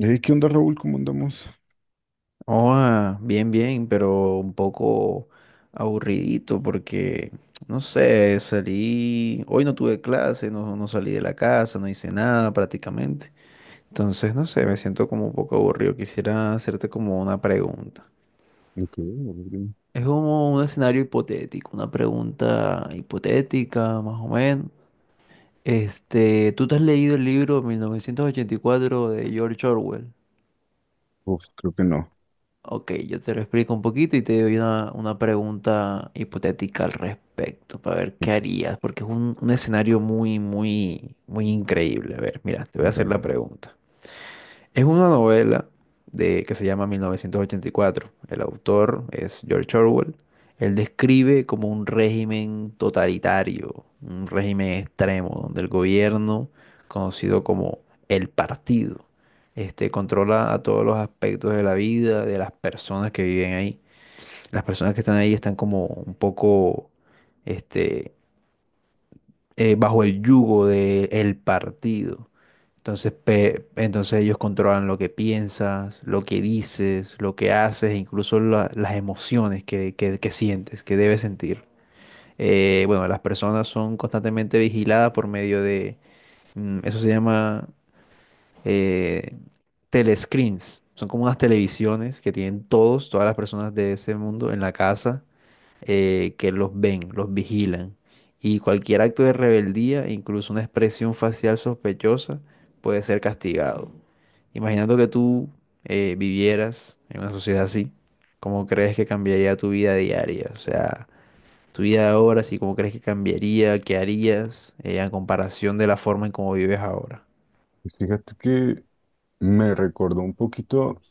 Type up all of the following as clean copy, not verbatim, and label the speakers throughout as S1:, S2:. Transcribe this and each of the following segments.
S1: Ey, ¿qué onda, Raúl? ¿Cómo andamos?
S2: Oh, ah, bien, bien, pero un poco aburridito porque, no sé, salí, hoy no tuve clase, no, no salí de la casa, no hice nada prácticamente. Entonces, no sé, me siento como un poco aburrido. Quisiera hacerte como una pregunta.
S1: Ok, Rodrigo.
S2: Es como un escenario hipotético, una pregunta hipotética, más o menos. Este, ¿tú te has leído el libro 1984 de George Orwell?
S1: Uf, creo que no.
S2: Ok, yo te lo explico un poquito y te doy una pregunta hipotética al respecto, para ver qué harías, porque es un escenario muy, muy, muy increíble. A ver, mira, te voy a hacer
S1: Vale.
S2: la pregunta. Es una novela que se llama 1984. El autor es George Orwell. Él describe como un régimen totalitario, un régimen extremo, donde el gobierno, conocido como el partido, controla a todos los aspectos de la vida de las personas que viven ahí. Las personas que están ahí están como un poco este, bajo el yugo del partido. Entonces, entonces ellos controlan lo que piensas, lo que dices, lo que haces, e incluso las emociones que sientes, que debes sentir. Bueno, las personas son constantemente vigiladas por medio de, eso se llama eh, telescreens. Son como unas televisiones que tienen todas las personas de ese mundo en la casa, que los ven, los vigilan. Y cualquier acto de rebeldía, incluso una expresión facial sospechosa, puede ser castigado. Imaginando que tú vivieras en una sociedad así, ¿cómo crees que cambiaría tu vida diaria? O sea, tu vida ahora, sí, ¿cómo crees que cambiaría? ¿Qué harías en comparación de la forma en cómo vives ahora?
S1: Pues fíjate que me recordó un poquito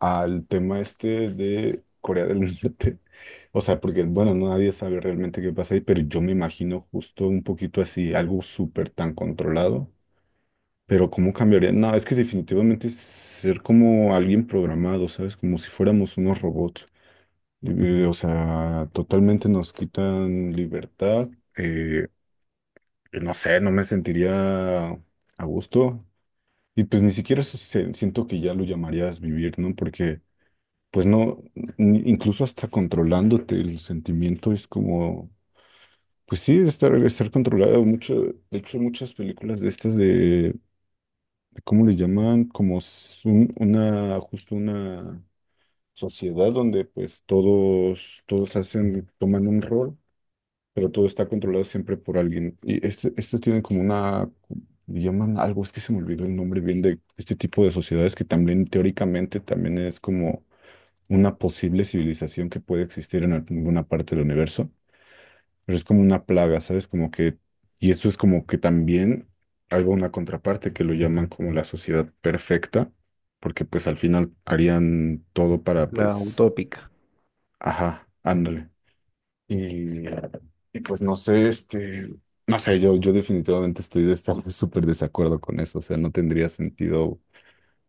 S1: al tema este de Corea del Norte. O sea, porque, bueno, no, nadie sabe realmente qué pasa ahí, pero yo me imagino justo un poquito así, algo súper tan controlado. Pero ¿cómo cambiaría? No, es que definitivamente es ser como alguien programado, ¿sabes? Como si fuéramos unos robots. O sea, totalmente nos quitan libertad. eh, no sé, no me sentiría a gusto. Y pues ni siquiera siento que ya lo llamarías vivir, ¿no? Porque pues no, incluso hasta controlándote el sentimiento es como, pues sí, estar controlado. Mucho, de hecho, muchas películas de estas de ¿cómo le llaman? Como justo una sociedad donde pues todos hacen, toman un rol. Pero todo está controlado siempre por alguien. Y este, estos tienen como una, le llaman algo, es que se me olvidó el nombre bien de este tipo de sociedades que también teóricamente también es como una posible civilización que puede existir en alguna parte del universo, pero es como una plaga, ¿sabes? Como que, y esto es como que también hay una contraparte que lo llaman como la sociedad perfecta, porque pues al final harían todo para
S2: La
S1: pues,
S2: utópica.
S1: ajá, ándale. Y, y pues no sé, este, no sé, yo definitivamente estoy de estar súper desacuerdo con eso, o sea, no tendría sentido, o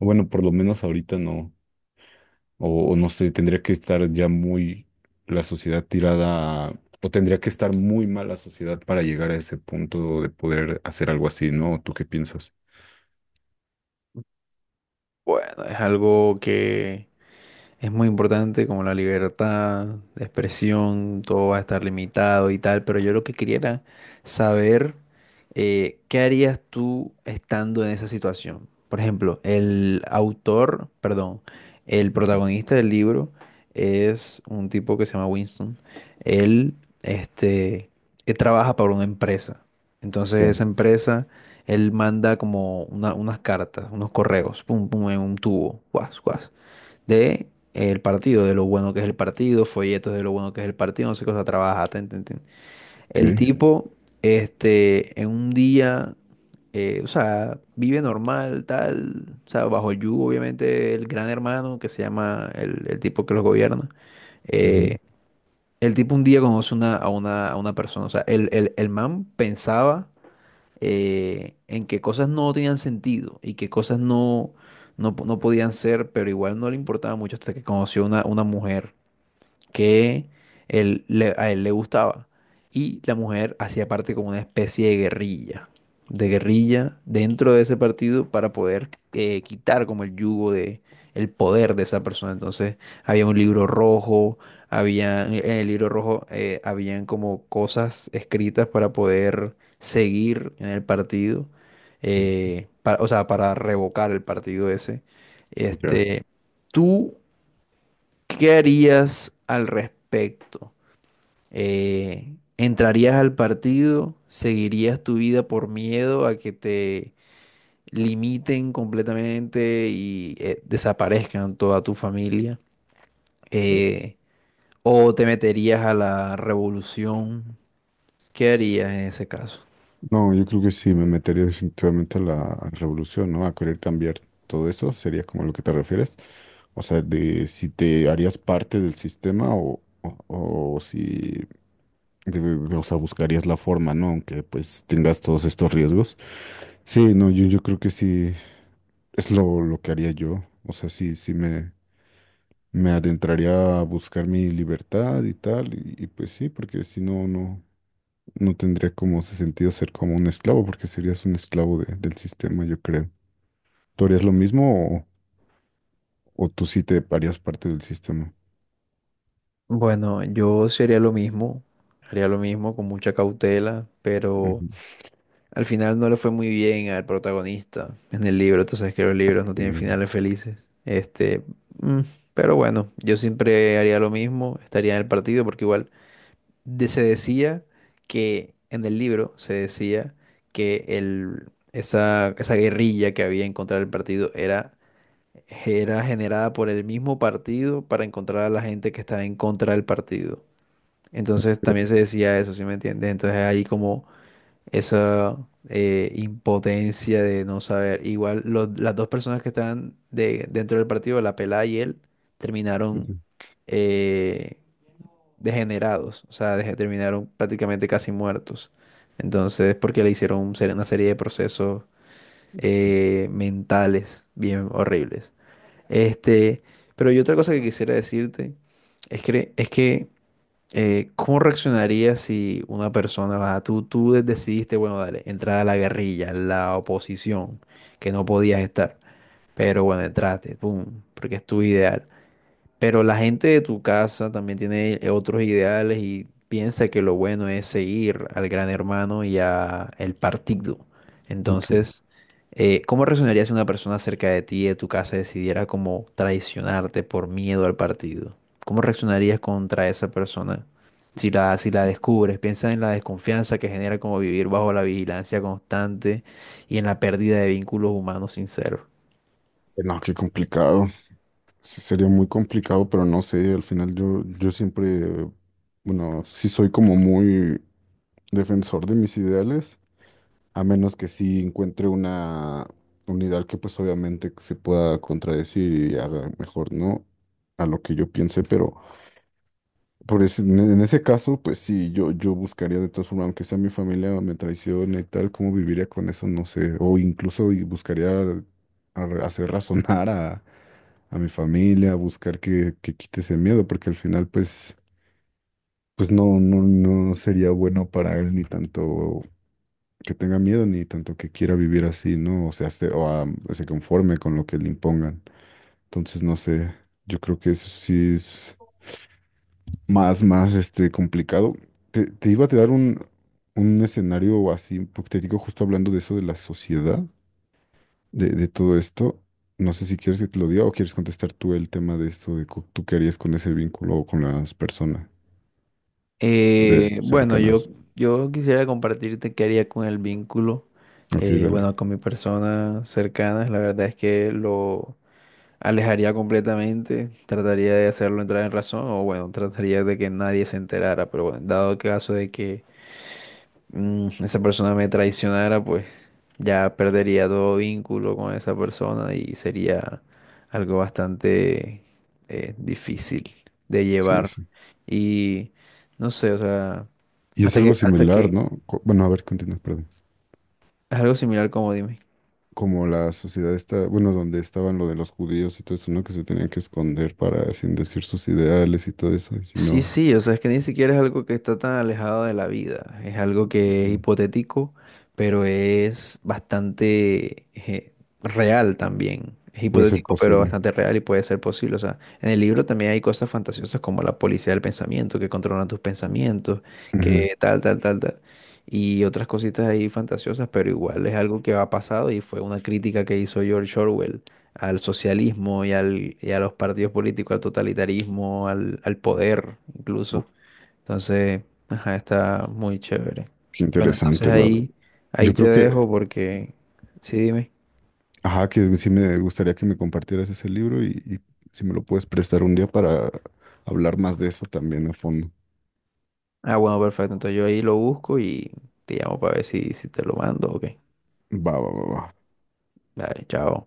S1: bueno, por lo menos ahorita no, o no sé, tendría que estar ya muy la sociedad tirada, o tendría que estar muy mal la sociedad para llegar a ese punto de poder hacer algo así, ¿no? ¿Tú qué piensas?
S2: Bueno, es algo que, es muy importante como la libertad de expresión, todo va a estar limitado y tal, pero yo lo que quería era saber qué harías tú estando en esa situación. Por ejemplo, el autor, perdón, el protagonista del libro es un tipo que se llama Winston. Él, este, él trabaja para una empresa.
S1: Ya,
S2: Entonces esa empresa, él manda como unas cartas, unos correos, pum, pum, en un tubo, guas, guas de el partido, de lo bueno que es el partido, folletos de lo bueno que es el partido, no sé qué cosa trabaja, ten, ten, ten. El
S1: ok.
S2: tipo, en un día, o sea, vive normal, tal, o sea, bajo el yugo, obviamente, el gran hermano que se llama el tipo que los gobierna.
S1: Ujú.
S2: Eh, el tipo un día conoce a una persona, o sea, el man pensaba en que cosas no tenían sentido y que cosas no, no podían ser, pero igual no le importaba mucho hasta que conoció una mujer que él, a él le gustaba. Y la mujer hacía parte como una especie de guerrilla dentro de ese partido para poder quitar como el yugo de, el poder de esa persona. Entonces había un libro rojo, había, en el libro rojo habían como cosas escritas para poder seguir en el partido, o sea, para revocar el partido ese. Este, tú, ¿qué harías al respecto? ¿Entrarías al partido? ¿Seguirías tu vida por miedo a que te limiten completamente y desaparezcan toda tu familia?
S1: Ya.
S2: Eh, ¿O te meterías a la revolución? ¿Qué harías en ese caso?
S1: No, yo creo que sí, me metería definitivamente a la revolución, ¿no? A querer cambiar todo eso, sería como lo que te refieres. O sea, de si te harías parte del sistema o si, o sea, buscarías la forma, ¿no? Aunque pues tengas todos estos riesgos. Sí, no, yo creo que sí, es lo que haría yo. O sea, sí, me adentraría a buscar mi libertad y tal, y pues sí, porque si no, no. No tendría como ese sentido ser como un esclavo, porque serías un esclavo del sistema, yo creo. ¿Tú harías lo mismo o tú sí te harías parte del sistema?
S2: Bueno, yo sí haría lo mismo con mucha cautela, pero
S1: Ujú.
S2: al final no le fue muy bien al protagonista en el libro. Tú sabes que los libros no tienen
S1: Sí,
S2: finales felices. Este, mm, pero bueno, yo siempre haría lo mismo, estaría en el partido porque igual se decía, que en el libro se decía, que esa guerrilla que había en contra del partido era, era generada por el mismo partido para encontrar a la gente que estaba en contra del partido. Entonces
S1: creo
S2: también se
S1: que
S2: decía eso, ¿sí me entiendes? Entonces ahí como esa impotencia de no saber. Igual las dos personas que estaban de, dentro del partido, la pelada y él, terminaron
S1: sí.
S2: eh, degenerados, o sea, terminaron prácticamente casi muertos. Entonces, porque le hicieron una serie de procesos mentales bien horribles. Este, pero yo otra cosa que quisiera decirte es es que ¿cómo reaccionarías si una persona, va, tú decidiste, bueno, dale, entrar a la guerrilla, a la oposición, que no podías estar, pero bueno, entraste, pum, porque es tu ideal. Pero la gente de tu casa también tiene otros ideales y piensa que lo bueno es seguir al gran hermano y a el partido.
S1: Ok.
S2: Entonces, ¿cómo reaccionaría si una persona cerca de ti, de tu casa, decidiera como traicionarte por miedo al partido? ¿Cómo reaccionarías contra esa persona? Si la descubres, piensa en la desconfianza que genera como vivir bajo la vigilancia constante y en la pérdida de vínculos humanos sinceros.
S1: No, qué complicado. Sí, sería muy complicado, pero no sé, al final yo siempre, bueno, sí soy como muy defensor de mis ideales, a menos que sí encuentre un ideal que pues obviamente se pueda contradecir y haga mejor, ¿no? A lo que yo piense, pero... Por en ese caso, pues sí, yo buscaría de todas formas, aunque sea mi familia me traicione y tal, ¿cómo viviría con eso? No sé. O incluso y buscaría hacer razonar a mi familia, buscar que quite ese miedo, porque al final, pues, pues no, no sería bueno para él ni tanto que tenga miedo, ni tanto que quiera vivir así, ¿no? O sea, o se conforme con lo que le impongan. Entonces, no sé, yo creo que eso sí es. Más, complicado. Te iba a dar un escenario así hipotético, justo hablando de eso de la sociedad, de todo esto. No sé si quieres que te lo diga o quieres contestar tú el tema de esto, tú qué harías con ese vínculo o con las personas de
S2: Bueno,
S1: cercanas.
S2: yo quisiera compartirte qué haría con el vínculo,
S1: Ok, dale.
S2: bueno, con mi persona cercana. La verdad es que lo alejaría completamente, trataría de hacerlo entrar en razón o bueno, trataría de que nadie se enterara, pero bueno, dado el caso de que, mm, esa persona me traicionara, pues ya perdería todo vínculo con esa persona y sería algo bastante difícil de
S1: Sí,
S2: llevar.
S1: sí.
S2: Y no sé, o sea,
S1: Y es
S2: hasta que,
S1: algo
S2: hasta
S1: similar,
S2: que,
S1: ¿no? Co- Bueno, a ver, continúa, perdón.
S2: algo similar, como dime.
S1: Como la sociedad está, bueno, donde estaban lo de los judíos y todo eso, ¿no? Que se tenían que esconder para, sin decir sus ideales y todo eso, y si
S2: Sí,
S1: no,
S2: sí, o sea, es que ni siquiera es algo que está tan alejado de la vida, es algo que es
S1: Ujú.
S2: hipotético, pero es bastante real también. Es
S1: Puede ser
S2: hipotético, pero
S1: posible.
S2: bastante real y puede ser posible. O sea, en el libro también hay cosas fantasiosas como la policía del pensamiento, que controlan tus pensamientos,
S1: Ujú.
S2: que tal, tal, tal, tal. Y otras cositas ahí fantasiosas, pero igual es algo que ha pasado y fue una crítica que hizo George Orwell al socialismo y a los partidos políticos, al totalitarismo, al poder
S1: Oh,
S2: incluso. Entonces, ajá, está muy chévere.
S1: qué
S2: Bueno, entonces
S1: interesante, Laura.
S2: ahí,
S1: Yo
S2: ahí te
S1: creo que,
S2: dejo porque, sí, dime.
S1: ajá, que sí me gustaría que me compartieras ese libro y si me lo puedes prestar un día para hablar más de eso también a fondo.
S2: Ah, bueno, perfecto. Entonces yo ahí lo busco y te llamo para ver si, si te lo mando. Ok.
S1: Va, va, va, va.
S2: Dale, chao.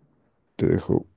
S1: Te dejo.